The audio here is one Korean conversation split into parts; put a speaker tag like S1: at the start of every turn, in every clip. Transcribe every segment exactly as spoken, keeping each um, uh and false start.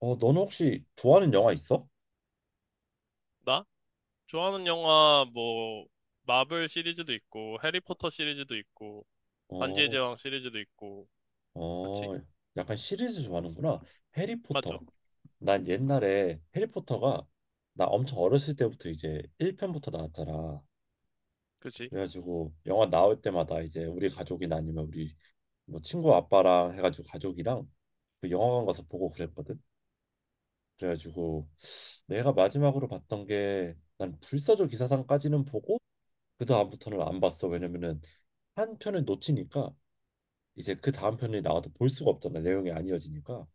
S1: 어, 너는 혹시 좋아하는 영화 있어?
S2: 나? 좋아하는 영화 뭐 마블 시리즈도 있고 해리포터 시리즈도 있고 반지의
S1: 어,
S2: 제왕 시리즈도 있고 그렇지?
S1: 어, 약간 시리즈 좋아하는구나. 해리포터.
S2: 맞아.
S1: 난 옛날에 해리포터가 나 엄청 어렸을 때부터 이제 일 편부터 나왔잖아.
S2: 그치?
S1: 그래가지고 영화 나올 때마다 이제 우리 가족이나 아니면 우리 뭐 친구 아빠랑 해가지고 가족이랑 그 영화관 가서 보고 그랬거든. 그래가지고 내가 마지막으로 봤던 게 난 불사조 기사단까지는 보고 그 다음부터는 안 봤어. 왜냐면은 한 편을 놓치니까 이제 그 다음 편이 나와도 볼 수가 없잖아, 내용이 안 이어지니까.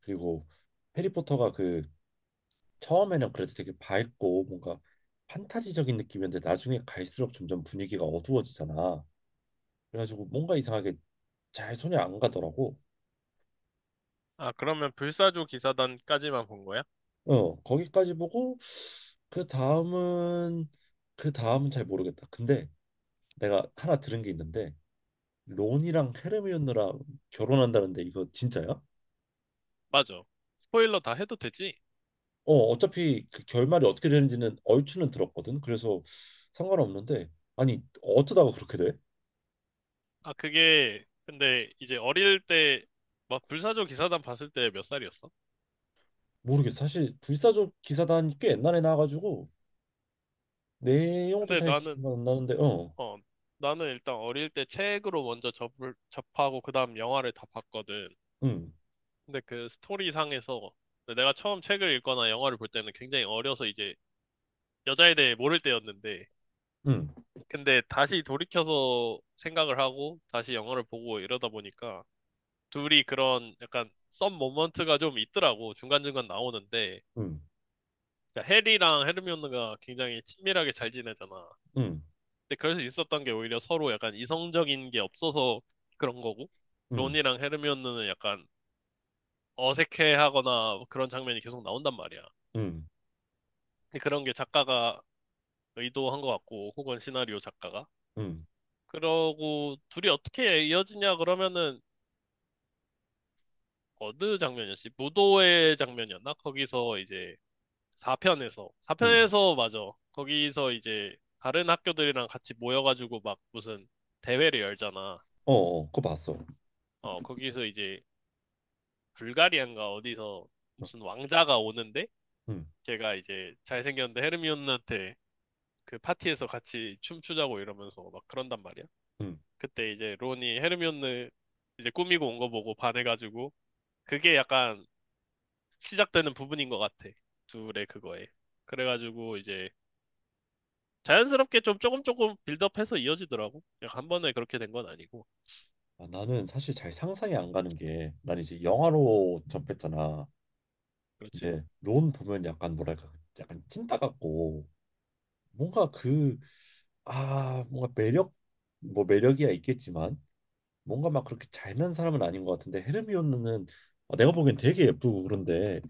S1: 그리고 해리포터가 그 처음에는 그래도 되게 밝고 뭔가 판타지적인 느낌이었는데 나중에 갈수록 점점 분위기가 어두워지잖아. 그래가지고 뭔가 이상하게 잘 손이 안 가더라고.
S2: 아 그러면 불사조 기사단까지만 본 거야?
S1: 어, 거기까지 보고 그 다음은 그 다음은 잘 모르겠다. 근데 내가 하나 들은 게 있는데 론이랑 헤르미온느랑 결혼한다는데 이거 진짜야?
S2: 맞아. 스포일러 다 해도 되지?
S1: 어, 어차피 그 결말이 어떻게 되는지는 얼추는 들었거든. 그래서 상관없는데 아니, 어쩌다가 그렇게 돼?
S2: 아 그게 근데 이제 어릴 때 막 불사조 기사단 봤을 때 몇 살이었어?
S1: 모르겠어. 사실 불사조 기사단이 꽤 옛날에 나와가지고 내용도
S2: 근데
S1: 잘
S2: 나는
S1: 기억 안 나는데, 어,
S2: 어 나는 일단 어릴 때 책으로 먼저 접을 접하고 그다음 영화를 다 봤거든.
S1: 응,
S2: 근데 그 스토리상에서 내가 처음 책을 읽거나 영화를 볼 때는 굉장히 어려서 이제 여자에 대해 모를 때였는데
S1: 응,
S2: 근데 다시 돌이켜서 생각을 하고 다시 영화를 보고 이러다 보니까 둘이 그런 약간 썸 모먼트가 좀 있더라고 중간중간 나오는데
S1: 응,
S2: 그러니까 해리랑 헤르미온느가 굉장히 친밀하게 잘 지내잖아.
S1: 응,
S2: 근데 그럴 수 있었던 게 오히려 서로 약간 이성적인 게 없어서 그런 거고
S1: 응,
S2: 론이랑 헤르미온느는 약해하거나 그런 장면이 계속 나온단 말이야.
S1: 응,
S2: 근데 그런 게 작가가 의도한 것 같고, 혹은 시나리오 작가가.
S1: 응,
S2: 그러고 둘이 어떻게 이어지냐 그러면은 어느 장면이었지? 무도회 장면이었나? 거기서 이제 4편에서
S1: 응,
S2: 4편에서 맞아. 거기서 이제 다른 학교들이랑 같이 모여가지고 막 무슨 대회를 열잖아.
S1: 어, 어, 그거 봤어.
S2: 어, 거기서 이제 불가리안가 어디서 무슨 왕자가 오는데
S1: 응,
S2: 걔가 이제 잘생겼는데 헤르미온한테 그 파티에서 같이 춤추자고 이러면서 막 그런단 말이야.
S1: 응.
S2: 그때 이제 론이 헤르미온느 이제 꾸미고 온 거 보고 반해가지고 그게 약간 시작되는 부분인 것 같아. 둘의 그거에. 그래가지고 이제 자연스럽게 좀 조금 조금 빌드업해서 이어지더라고. 그냥 한 번에 그렇게 된 건 아니고.
S1: 아, 나는 사실 잘 상상이 안 가는 게 난 이제 영화로 접했잖아.
S2: 그렇지.
S1: 근데 론 보면 약간 뭐랄까, 약간 찐따 같고 뭔가 그 아 뭔가 매력, 뭐 매력이야 있겠지만 뭔가 막 그렇게 잘난 사람은 아닌 것 같은데 헤르미온느는 아, 내가 보기엔 되게 예쁘고 그런데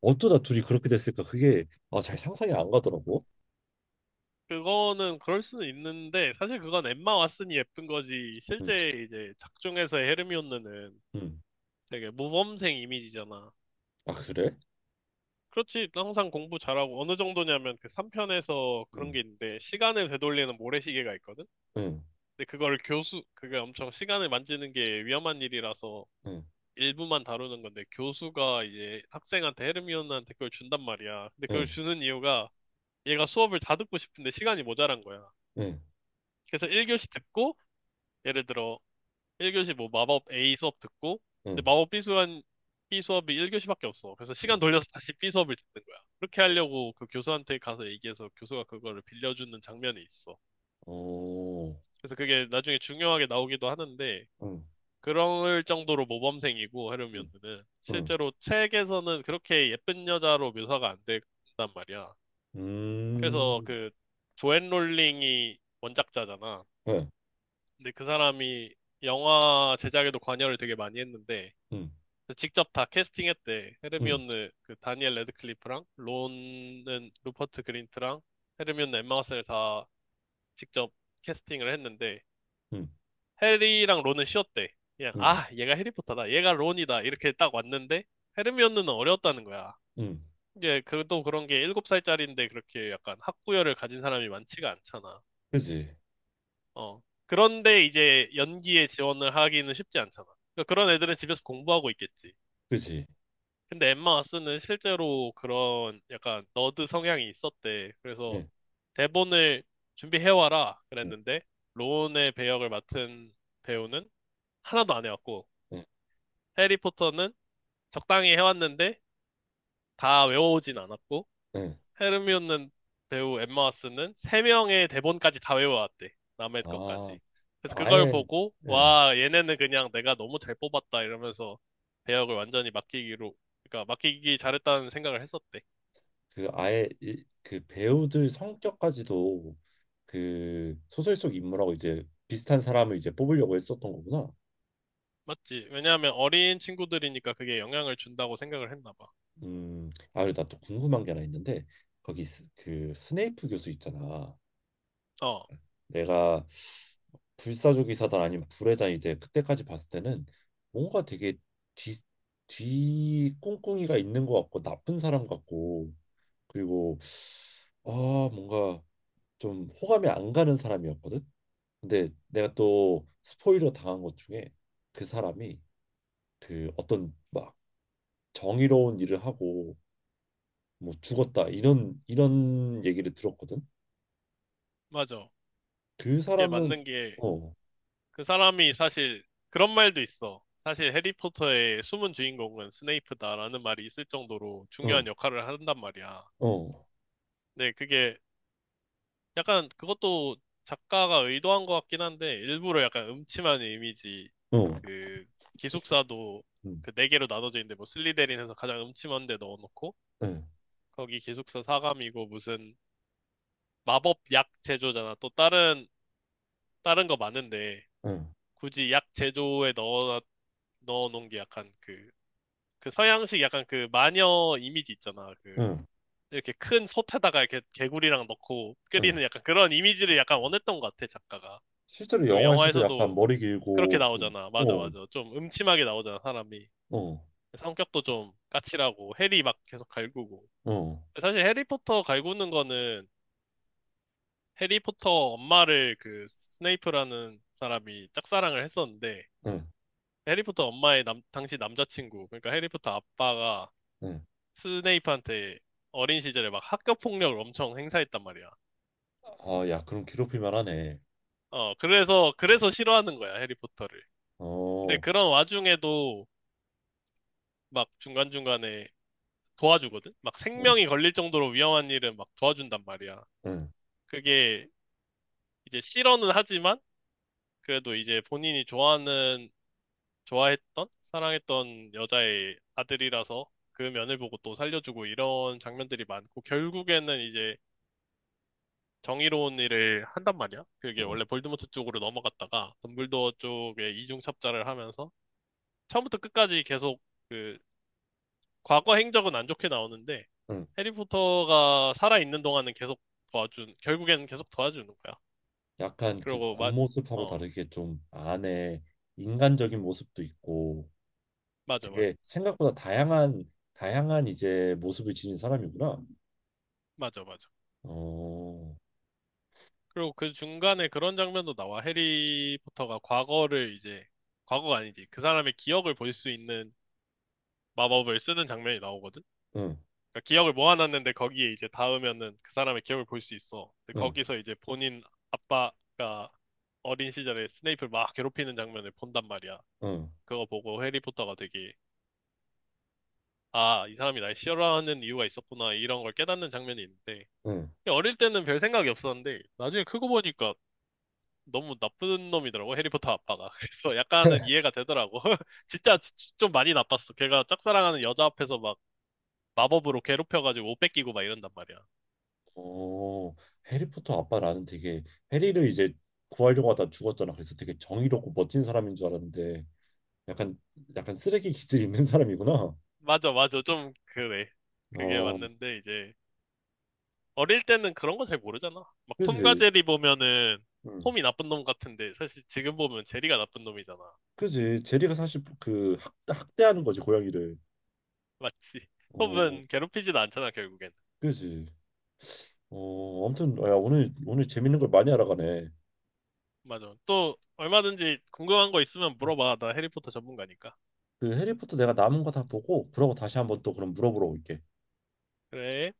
S1: 어쩌다 둘이 그렇게 됐을까, 그게 아, 잘 상상이 안 가더라고.
S2: 그거는 그럴 수는 있는데 사실 그건 엠마 왓슨이 예쁜 거지.
S1: 응,
S2: 실제 이제 작중에서의 헤르미온느는
S1: 응.
S2: 되게 모범생 이미지잖아.
S1: 아, 그래?
S2: 그렇지. 항상 공부 잘하고 어느 정도냐면 그 삼 편에서 그런
S1: 응,
S2: 게 있는데 시간을 되돌리는 모래시계가 있거든.
S1: 응,
S2: 근데 그걸 교수, 그게 엄청 시간을 만지는 게 위험한 일이라서
S1: 응,
S2: 일부만 다루는 건데 교수가 이제 학생한테 헤르미온한테 그걸 준단 말이야. 근데 그걸
S1: 응,
S2: 주는 이유가 얘가 수업을 다 듣고 싶은데 시간이 모자란 거야.
S1: 응,
S2: 그래서 일 교시 듣고 예를 들어 일 교시 뭐 마법 A 수업 듣고 근데
S1: 응,
S2: 마법 B 수업, B 수업이 일 교시밖에 없어. 그래서 시간
S1: 응,
S2: 돌려서 다시 B 수업을 듣는 거야. 그렇게
S1: 응.
S2: 하려고 그 교수한테 가서 얘기해서 교수가 그거를 빌려주는 장면이 있어.
S1: 오,
S2: 그래서 그게 나중에 중요하게 나오기도 하는데
S1: 응,
S2: 그럴 정도로 모범생이고
S1: 응,
S2: 헤르미온느는
S1: 응,
S2: 실제로 책에서는 그렇게 예쁜 여자로 묘사가 안 된단 말이야. 그래서
S1: 음,
S2: 그 조앤 롤링이 원작자잖아.
S1: 응,
S2: 근데 그 사람이 영화 제작에도 관여를 되게 많이 했는데
S1: 응,
S2: 직접 다 캐스팅했대.
S1: 응,
S2: 헤르미온느 그 다니엘 레드클리프랑 론은 루퍼트 그린트랑 헤르미온느 엠마 왓슨을 다 직접 캐스팅을 했는데
S1: 응,
S2: 해리랑 론은 쉬었대. 그냥,
S1: 응,
S2: 아, 얘가 해리포터다. 얘가 론이다. 이렇게 딱 왔는데, 헤르미온느는 어려웠다는 거야.
S1: 응.
S2: 이게, 그또 그런 게 일곱 살짜리인데 그렇게 약간 학구열을 가진 사람이 많지가 않잖아.
S1: 그지,
S2: 어. 그런데 이제 연기에 지원을 하기는 쉽지 않잖아. 그러니까 그런 애들은 집에서 공부하고 있겠지.
S1: 그지,
S2: 근데 엠마 왓슨은 실제로 그런 약간 너드 성향이 있었대. 그래서
S1: 응,
S2: 대본을 준비해와라
S1: 응,
S2: 그랬는데, 론의 배역을 맡은 배우는 하나도 안 해왔고,
S1: 응,
S2: 해리포터는 적당히 해왔는데 다 외워오진 않았고
S1: 응.
S2: 헤르미온는 배우 엠마 왓슨은 세명의 대본까지 다 외워왔대. 남의
S1: 아,
S2: 것까지. 그래서 그걸
S1: 아예
S2: 보고
S1: 예,
S2: 와 얘네는 그냥 내가 너무 잘 뽑았다 이러면서 배역을 완전히 맡기기로 그러니까 맡기기 잘했다는 생각을 했었대.
S1: 그 아예 이, 그 배우들 성격까지도 그 소설 속 인물하고 이제 비슷한 사람을 이제 뽑으려고 했었던 거구나.
S2: 맞지? 왜냐하면 어린 친구들이니까 그게 영향을 준다고 생각을 했나 봐.
S1: 음, 아, 그리고 나또 궁금한 게 하나 있는데 거기 스- 그 스네이프 교수 있잖아.
S2: 어,
S1: 내가 불사조기 사단 아니면 불의 잔 이제 그때까지 봤을 때는 뭔가 되게 뒤 뒤 꿍꿍이가 있는 것 같고 나쁜 사람 같고, 그리고 아 뭔가 좀 호감이 안 가는 사람이었거든. 근데 내가 또 스포일러 당한 것 중에 그 사람이 그 어떤 막 정의로운 일을 하고 뭐 죽었다 이런 이런 얘기를 들었거든.
S2: 맞아.
S1: 그
S2: 그게
S1: 사람은
S2: 맞는 게
S1: 어,
S2: 그 사람이 사실 그런 말도 있어. 사실 해리포터의 숨은 주인공은 스네이프다라는 말이 있을 정도로
S1: 어,
S2: 중요한 역할을 한단 말이야.
S1: 어,
S2: 근데 그게 약간 그것도 작가가 의도한 것 같긴 한데 일부러 약간 음침한 이미지
S1: 어,
S2: 그 기숙사도
S1: 응,
S2: 그 네 개로 나눠져 있는데 뭐 슬리데린에서 가장 음침한 데 넣어놓고
S1: 응,
S2: 거기 기숙사 사감이고 무슨 마법 약 제조잖아. 또 다른 다른 거 많은데
S1: 응,
S2: 굳이 약 제조에 넣어 넣어놓은 게 약간 그 그 서양식 약간 그 마녀 이미지 있잖아. 그
S1: 응,
S2: 이렇게 큰 솥에다가 이렇게 개구리랑 넣고
S1: 응.
S2: 끓이는 약간 그런 이미지를 약간 원했던 것 같아, 작가가.
S1: 실제로
S2: 그리고
S1: 영화에서도 약간
S2: 영화에서도
S1: 머리
S2: 그렇게
S1: 길고 좀
S2: 나오잖아. 맞아,
S1: 어,
S2: 맞아. 좀 음침하게 나오잖아, 사람이.
S1: 어,
S2: 성격도 좀 까칠하고 해리 막 계속 갈구고.
S1: 어,
S2: 사실 해리포터 갈구는 거는 해리포터 엄마를 그 스네이프라는 사람이 짝사랑을 했었는데
S1: 응,
S2: 해리포터 엄마의 남- 당시 남자친구, 그러니까 해리포터 아빠가
S1: 응.
S2: 스네이프한테 어린 시절에 막 학교 폭력을 엄청 행사했단 말이야.
S1: 아, 야, 그럼 괴롭힐 만하네.
S2: 어, 그래서, 그래서 싫어하는 거야, 해리포터를. 근데
S1: 어,
S2: 그런 와중에도 막 중간중간에 도와주거든? 막
S1: 응,
S2: 생명이 걸릴 정도로 위험한 일은 막 도와준단 말이야.
S1: 응,
S2: 그게 이제 싫어는 하지만 그래도 이제 본인이 좋아하는, 좋아했던, 사랑했던 여자의 아들이라서 그 면을 보고 또 살려주고 이런 장면들이 많고 결국에는 이제 정의로운 일을 한단 말이야. 그게
S1: 응.
S2: 원래 볼드모트 쪽으로 넘어갔다가 덤블도어 쪽에 이중 첩자를 하면서 처음부터 끝까지 계속 그 과거 행적은 안 좋게 나오는데
S1: 응.
S2: 해리포터가 살아있는 동안은 계속 도와준, 결국에는 계속 도와주는 거야.
S1: 약간 그
S2: 그리고 마,
S1: 겉모습하고
S2: 어,
S1: 다르게 좀 안에 인간적인 모습도 있고
S2: 맞아, 맞아.
S1: 되게 생각보다 다양한 다양한 이제 모습을 지닌 사람이구나.
S2: 맞아, 맞아.
S1: 어,
S2: 그리고 그 중간에 그런 장면도 나와. 해리포터가 과거를 이제, 과거가 아니지. 그 사람의 기억을 볼 수 있는 마법을 쓰는 장면이 나오거든.
S1: 응,
S2: 그러니까 기억을 모아놨는데 거기에 이제 닿으면은 그 사람의 기억을 볼 수 있어. 근데
S1: 응,
S2: 거기서 이제 본인 아빠가 어린 시절에 스네이프를 막 괴롭히는 장면을 본단 말이야.
S1: 응,
S2: 그거 보고 해리포터가 되게 아, 이 사람이 날 싫어하는 이유가 있었구나 이런 걸 깨닫는 장면이 있는데
S1: 응.
S2: 어릴 때는 별 생각이 없었는데 나중에 크고 보니까 너무 나쁜 놈이더라고 해리포터 아빠가. 그래서 약간은 이해가 되더라고. 진짜 지- 좀 많이 나빴어. 걔가 짝사랑하는 여자 앞에서 막 마법으로 괴롭혀가지고 옷 뺏기고 막 이런단 말이야.
S1: 어, 해리포터 아빠 나는 되게 해리를 이제 구하려고 하다 죽었잖아. 그래서 되게 정의롭고 멋진 사람인 줄 알았는데 약간, 약간 쓰레기 기질 있는 사람이구나.
S2: 맞아, 맞아. 좀 그래. 그게
S1: 어,
S2: 맞는데 이제 어릴 때는 그런 거 잘 모르잖아. 막 톰과
S1: 그지.
S2: 제리 보면은
S1: 응.
S2: 톰이 나쁜 놈 같은데 사실 지금 보면 제리가 나쁜 놈이잖아.
S1: 그지. 제리가 사실 그 학, 학대하는 거지, 고양이를.
S2: 맞지?
S1: 어,
S2: 톰은 괴롭히지도 않잖아, 결국엔.
S1: 그지. 어, 아무튼, 야, 오늘 오늘 재밌는 걸 많이 알아가네.
S2: 맞아. 또 얼마든지 궁금한 거 있으면 물어봐. 나 해리포터 전문가니까.
S1: 그 해리포터 내가 남은 거 다 보고 그러고 다시 한번 또 그럼 물어보러 올게.
S2: 그래.